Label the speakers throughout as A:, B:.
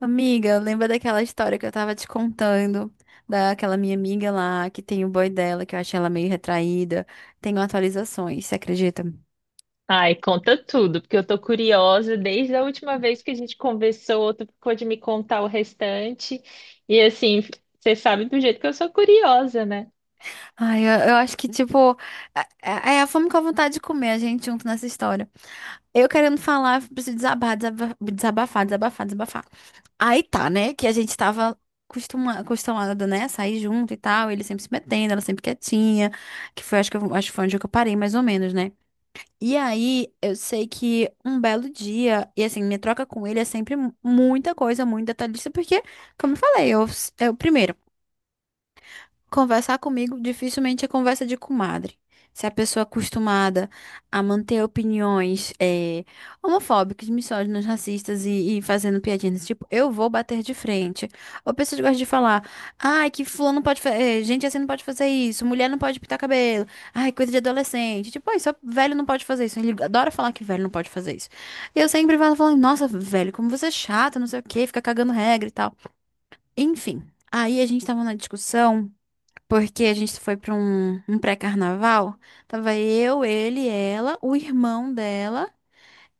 A: Amiga, lembra daquela história que eu tava te contando, daquela minha amiga lá, que tem o boy dela, que eu achei ela meio retraída. Tenho atualizações, você acredita?
B: Ai, conta tudo, porque eu tô curiosa desde a última vez que a gente conversou, tu ficou de me contar o restante. E assim, você sabe do jeito que eu sou curiosa, né?
A: Ai, eu acho que, tipo, é a fome com a vontade de comer a gente junto nessa história. Eu querendo falar, preciso desabafar, desabafar, desabafar. Aí tá, né, que a gente tava acostumada, né, a sair junto e tal, ele sempre se metendo, ela sempre quietinha, que foi, acho que, acho que foi onde que eu parei, mais ou menos, né? E aí, eu sei que um belo dia, e assim, minha troca com ele é sempre muita coisa, muito detalhista, porque, como eu falei, eu, eu primeiro. Conversar comigo dificilmente é conversa de comadre. Se a pessoa é acostumada a manter opiniões homofóbicas, misóginas, racistas e fazendo piadinhas desse tipo, eu vou bater de frente. Ou pessoas que gostam de falar, ai, que fulano pode fazer, gente assim não pode fazer isso, mulher não pode pintar cabelo, ai, coisa de adolescente. Tipo, ai, só velho não pode fazer isso. Ele adora falar que velho não pode fazer isso. E eu sempre falo, falando, nossa, velho, como você é chato, não sei o quê, fica cagando regra e tal. Enfim, aí a gente tava na discussão. Porque a gente foi pra um pré-carnaval. Tava eu, ele, ela, o irmão dela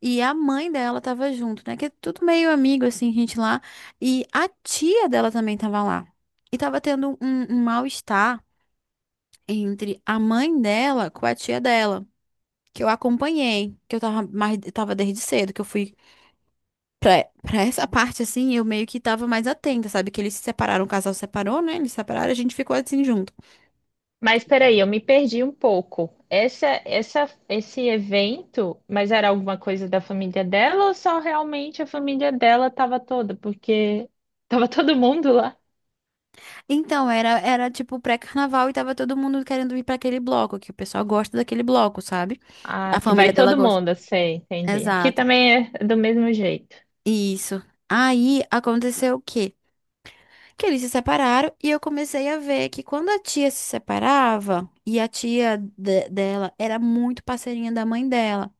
A: e a mãe dela tava junto, né? Que é tudo meio amigo, assim, gente lá. E a tia dela também tava lá. E tava tendo um mal-estar entre a mãe dela com a tia dela. Que eu acompanhei, que eu tava mais, tava desde cedo, que eu fui pra essa parte, assim, eu meio que tava mais atenta, sabe? Que eles se separaram, o casal separou, né? Eles se separaram, a gente ficou assim junto.
B: Mas peraí, eu me perdi um pouco. Esse evento, mas era alguma coisa da família dela ou só realmente a família dela tava toda? Porque tava todo mundo lá.
A: Então, era tipo pré-carnaval e tava todo mundo querendo ir pra aquele bloco, que o pessoal gosta daquele bloco, sabe?
B: Ah,
A: A
B: que vai
A: família dela
B: todo
A: gosta.
B: mundo, sei, entendi. Aqui
A: Exato.
B: também é do mesmo jeito.
A: Isso. Aí aconteceu o quê? Que eles se separaram e eu comecei a ver que quando a tia se separava, e a dela era muito parceirinha da mãe dela.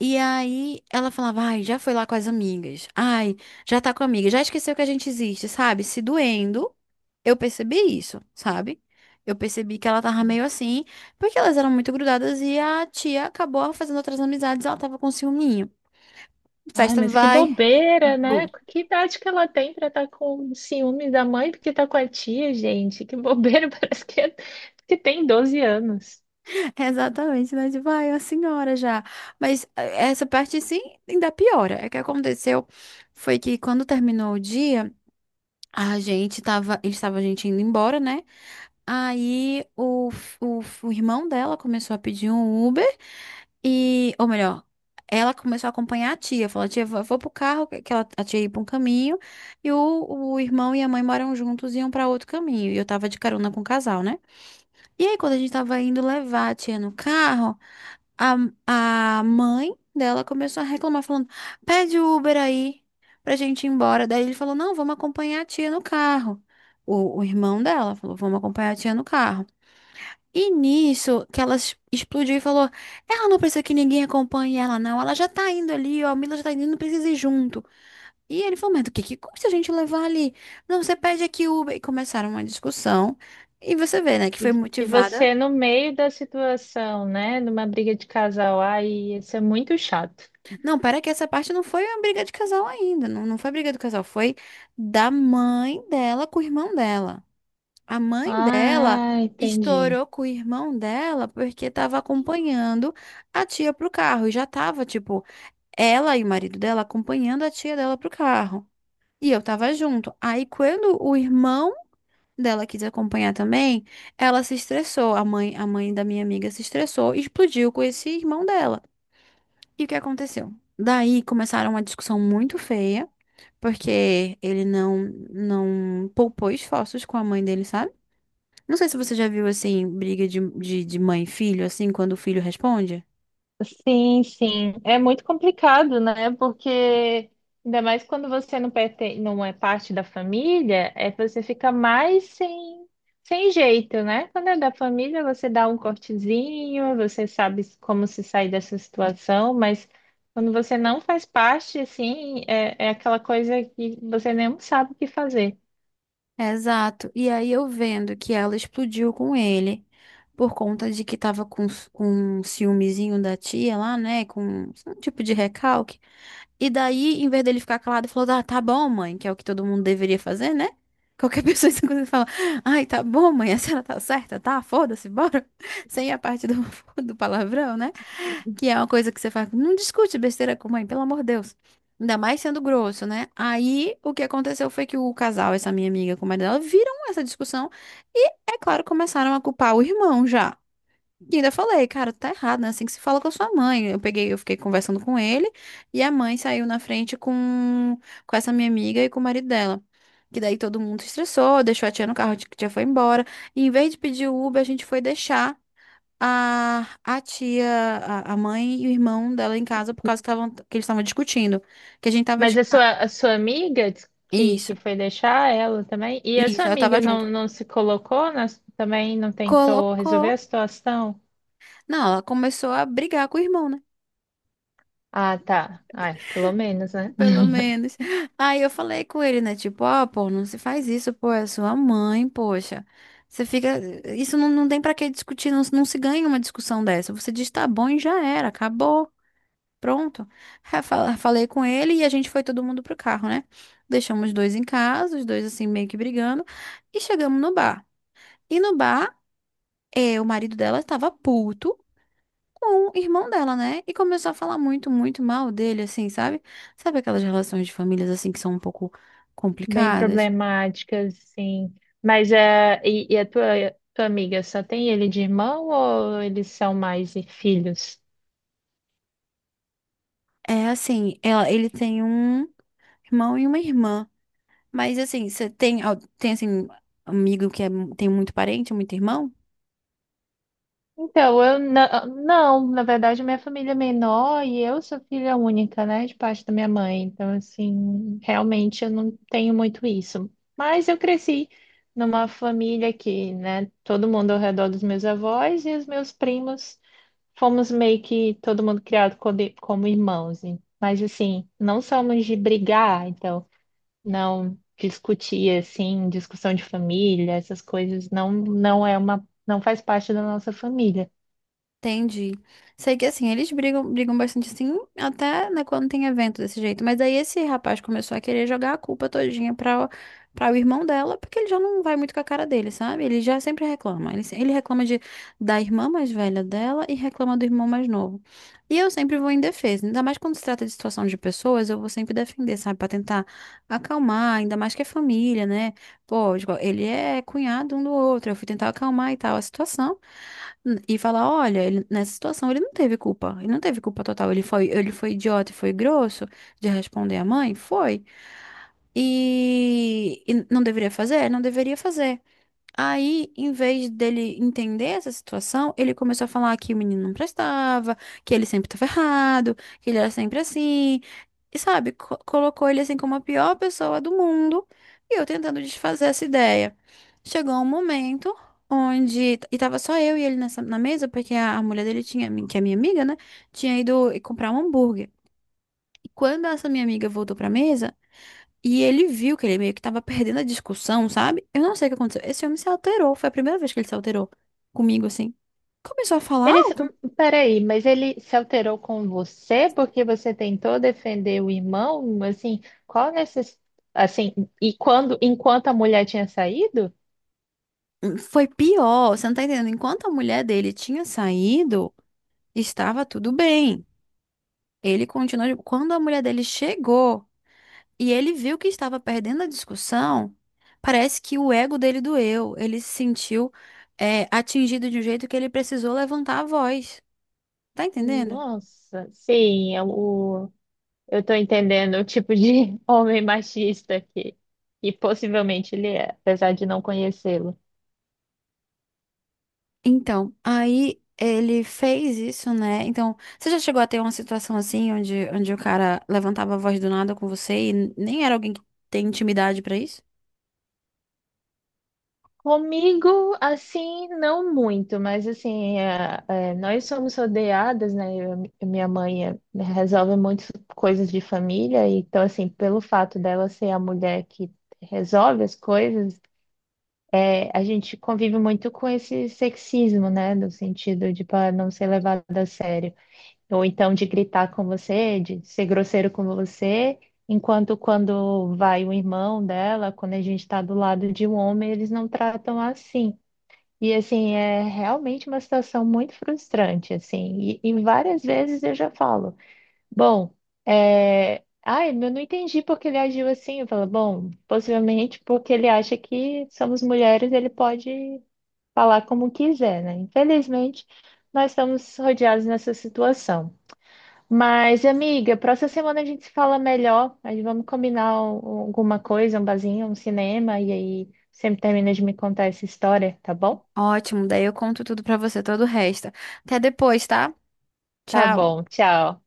A: E aí ela falava, ai, já foi lá com as amigas, ai, já tá com a amiga, já esqueceu que a gente existe, sabe? Se doendo, eu percebi isso, sabe? Eu percebi que ela tava meio assim, porque elas eram muito grudadas e a tia acabou fazendo outras amizades, ela tava com ciúminho.
B: Ai,
A: Festa
B: mas que
A: vai.
B: bobeira, né?
A: Bom,
B: Que idade que ela tem pra estar com ciúme da mãe porque tá com a tia, gente? Que bobeira, que tem 12 anos.
A: exatamente, né? Tipo, ai, a senhora já. Mas essa parte sim ainda piora. É que aconteceu foi que quando terminou o dia, a gente tava, eles estavam a gente indo embora, né? Aí o irmão dela começou a pedir um Uber e, ou melhor, ela começou a acompanhar a tia. Falou, tia, vou, vou pro carro, que ela, a tia ia pra um caminho, e o irmão e a mãe moram juntos e iam pra outro caminho. E eu tava de carona com o casal, né? E aí, quando a gente tava indo levar a tia no carro, a, a mãe dela começou a reclamar, falando, pede o Uber aí pra gente ir embora. Daí ele falou, não, vamos acompanhar a tia no carro. O irmão dela falou, vamos acompanhar a tia no carro. E nisso, que ela explodiu e falou: ela não precisa que ninguém acompanhe ela, não. Ela já tá indo ali, ó. A Mila já tá indo, não precisa ir junto. E ele falou: mas do que custa a gente levar ali? Não, você pede aqui Uber. E começaram uma discussão. E você vê, né, que
B: E,
A: foi
B: e
A: motivada.
B: você no meio da situação, né? Numa briga de casal, ai, isso é muito chato.
A: Não, pera que essa parte não foi uma briga de casal ainda. Não, não foi briga do casal, foi da mãe dela com o irmão dela. A mãe dela
B: Ah, entendi.
A: estourou com o irmão dela porque tava acompanhando a tia pro carro. E já tava, tipo. Ela e o marido dela acompanhando a tia dela pro carro. E eu tava junto. Aí quando o irmão dela quis acompanhar também, ela se estressou. A mãe da minha amiga se estressou e explodiu com esse irmão dela. E o que aconteceu? Daí começaram uma discussão muito feia, porque ele não não poupou esforços com a mãe dele, sabe? Não sei se você já viu assim briga de mãe e filho, assim, quando o filho responde.
B: Sim, sim. É muito complicado, né? Porque ainda mais quando você não pertence, não é parte da família, é você fica mais sem, sem jeito, né? Quando é da família, você dá um cortezinho, você sabe como se sair dessa situação, mas quando você não faz parte, assim, é aquela coisa que você nem sabe o que fazer.
A: Exato. E aí eu vendo que ela explodiu com ele por conta de que tava com, com um ciúmezinho da tia lá, né? Com um tipo de recalque. E daí, em vez dele ficar calado, falou: ah, tá bom, mãe, que é o que todo mundo deveria fazer, né? Qualquer pessoa em segundo fala: ai, tá bom, mãe, a senhora tá certa, tá? Foda-se, bora. Sem a parte do, do palavrão, né? Que é uma coisa que você faz. Não discute besteira com mãe, pelo amor de Deus. Ainda mais sendo grosso, né? Aí o que aconteceu foi que o casal, essa minha amiga com o marido dela, viram essa discussão e, é claro, começaram a culpar o irmão já. E ainda falei, cara, tá errado, né? Assim que se fala com a sua mãe. Eu peguei, eu fiquei conversando com ele e a mãe saiu na frente com essa minha amiga e com o marido dela. Que daí todo mundo se estressou, deixou a tia no carro, a tia foi embora. E em vez de pedir o Uber, a gente foi deixar a tia, a mãe e o irmão dela em casa por causa que, tavam, que eles estavam discutindo. Que a gente tava
B: Mas
A: de
B: a
A: carro.
B: sua amiga diz
A: Isso,
B: que foi deixar ela também? E a sua
A: isso, eu tava
B: amiga
A: junto.
B: não se colocou também? Não tentou resolver
A: Colocou.
B: a situação?
A: Não, ela começou a brigar com o irmão, né?
B: Ah, tá. Ah, pelo menos, né?
A: Pelo menos. Aí eu falei com ele, né? Tipo, ó, pô, não se faz isso, pô, é sua mãe, poxa. Você fica. Isso não tem pra que discutir, não, não se ganha uma discussão dessa. Você diz tá bom e já era, acabou. Pronto. Aí Falei com ele e a gente foi todo mundo pro carro, né? Deixamos os dois em casa, os dois assim meio que brigando, e chegamos no bar. E no bar, é o marido dela estava puto com o irmão dela, né? E começou a falar muito, muito mal dele, assim, sabe? Sabe aquelas relações de famílias assim que são um pouco
B: Bem
A: complicadas?
B: problemática, sim. Mas é, e a tua amiga só tem ele de irmão ou eles são mais filhos?
A: É assim, ela, ele tem um irmão e uma irmã. Mas assim, você tem, tem assim, amigo que é tem muito parente, muito irmão?
B: Então, eu não, na verdade, minha família é menor e eu sou filha única, né, de parte da minha mãe. Então, assim, realmente eu não tenho muito isso. Mas eu cresci numa família que, né, todo mundo ao redor dos meus avós e os meus primos fomos meio que todo mundo criado como irmãos. Mas, assim, não somos de brigar, então, não discutir, assim, discussão de família, essas coisas, não, não é uma, não faz parte da nossa família.
A: Entendi. Sei que assim, eles brigam, brigam bastante assim, até, né, quando tem evento desse jeito. Mas aí esse rapaz começou a querer jogar a culpa todinha pra, pra o irmão dela, porque ele já não vai muito com a cara dele, sabe? Ele já sempre reclama. Ele, se- ele reclama de, da irmã mais velha dela e reclama do irmão mais novo. E eu sempre vou em defesa, ainda mais quando se trata de situação de pessoas, eu vou sempre defender, sabe? Pra tentar acalmar, ainda mais que é família, né? Pô, tipo, ele é cunhado um do outro. Eu fui tentar acalmar e tal a situação e falar, olha, nessa situação ele não teve culpa. Ele não teve culpa total. Ele foi idiota e foi grosso de responder à mãe? Foi. E não deveria fazer? Não deveria fazer. Aí, em vez dele entender essa situação, ele começou a falar que o menino não prestava, que ele sempre estava errado, que ele era sempre assim. E sabe, colocou ele assim como a pior pessoa do mundo. E eu tentando desfazer essa ideia. Chegou um momento onde. E tava só eu e ele nessa, na mesa, porque a mulher dele tinha, que é minha amiga, né? Tinha ido comprar um hambúrguer. E quando essa minha amiga voltou pra mesa, e ele viu que ele meio que tava perdendo a discussão, sabe? Eu não sei o que aconteceu. Esse homem se alterou. Foi a primeira vez que ele se alterou comigo, assim. Começou a falar
B: Ele, se-
A: alto.
B: peraí, mas ele se alterou com você porque você tentou defender o irmão? Assim, qual necess... assim, e quando, enquanto a mulher tinha saído?
A: Foi pior. Você não tá entendendo. Enquanto a mulher dele tinha saído, estava tudo bem. Ele continuou. Quando a mulher dele chegou e ele viu que estava perdendo a discussão, parece que o ego dele doeu. Ele se sentiu, atingido de um jeito que ele precisou levantar a voz. Tá entendendo?
B: Nossa, eu tô entendendo o tipo de homem machista que possivelmente ele é, apesar de não conhecê-lo.
A: Então, aí ele fez isso, né? Então, você já chegou a ter uma situação assim, onde, onde o cara levantava a voz do nada com você e nem era alguém que tem intimidade pra isso?
B: Comigo, assim, não muito, mas assim, é, nós somos rodeadas, né? Minha mãe resolve muitas coisas de família, então, assim, pelo fato dela ser a mulher que resolve as coisas, é, a gente convive muito com esse sexismo, né? No sentido de para não ser levado a sério, ou então de gritar com você, de ser grosseiro com você. Enquanto quando vai o irmão dela, quando a gente está do lado de um homem, eles não tratam assim. E assim, é realmente uma situação muito frustrante, assim, e várias vezes eu já falo, bom, ai, eu não entendi porque ele agiu assim, eu falo, bom, possivelmente porque ele acha que somos mulheres, ele pode falar como quiser, né? Infelizmente, nós estamos rodeados nessa situação. Mas, amiga, próxima semana a gente se fala melhor, aí vamos combinar alguma coisa, um barzinho, um cinema, e aí sempre termina de me contar essa história, tá bom?
A: Ótimo, daí eu conto tudo pra você, todo o resto. Até depois, tá?
B: Tá
A: Tchau.
B: bom, tchau.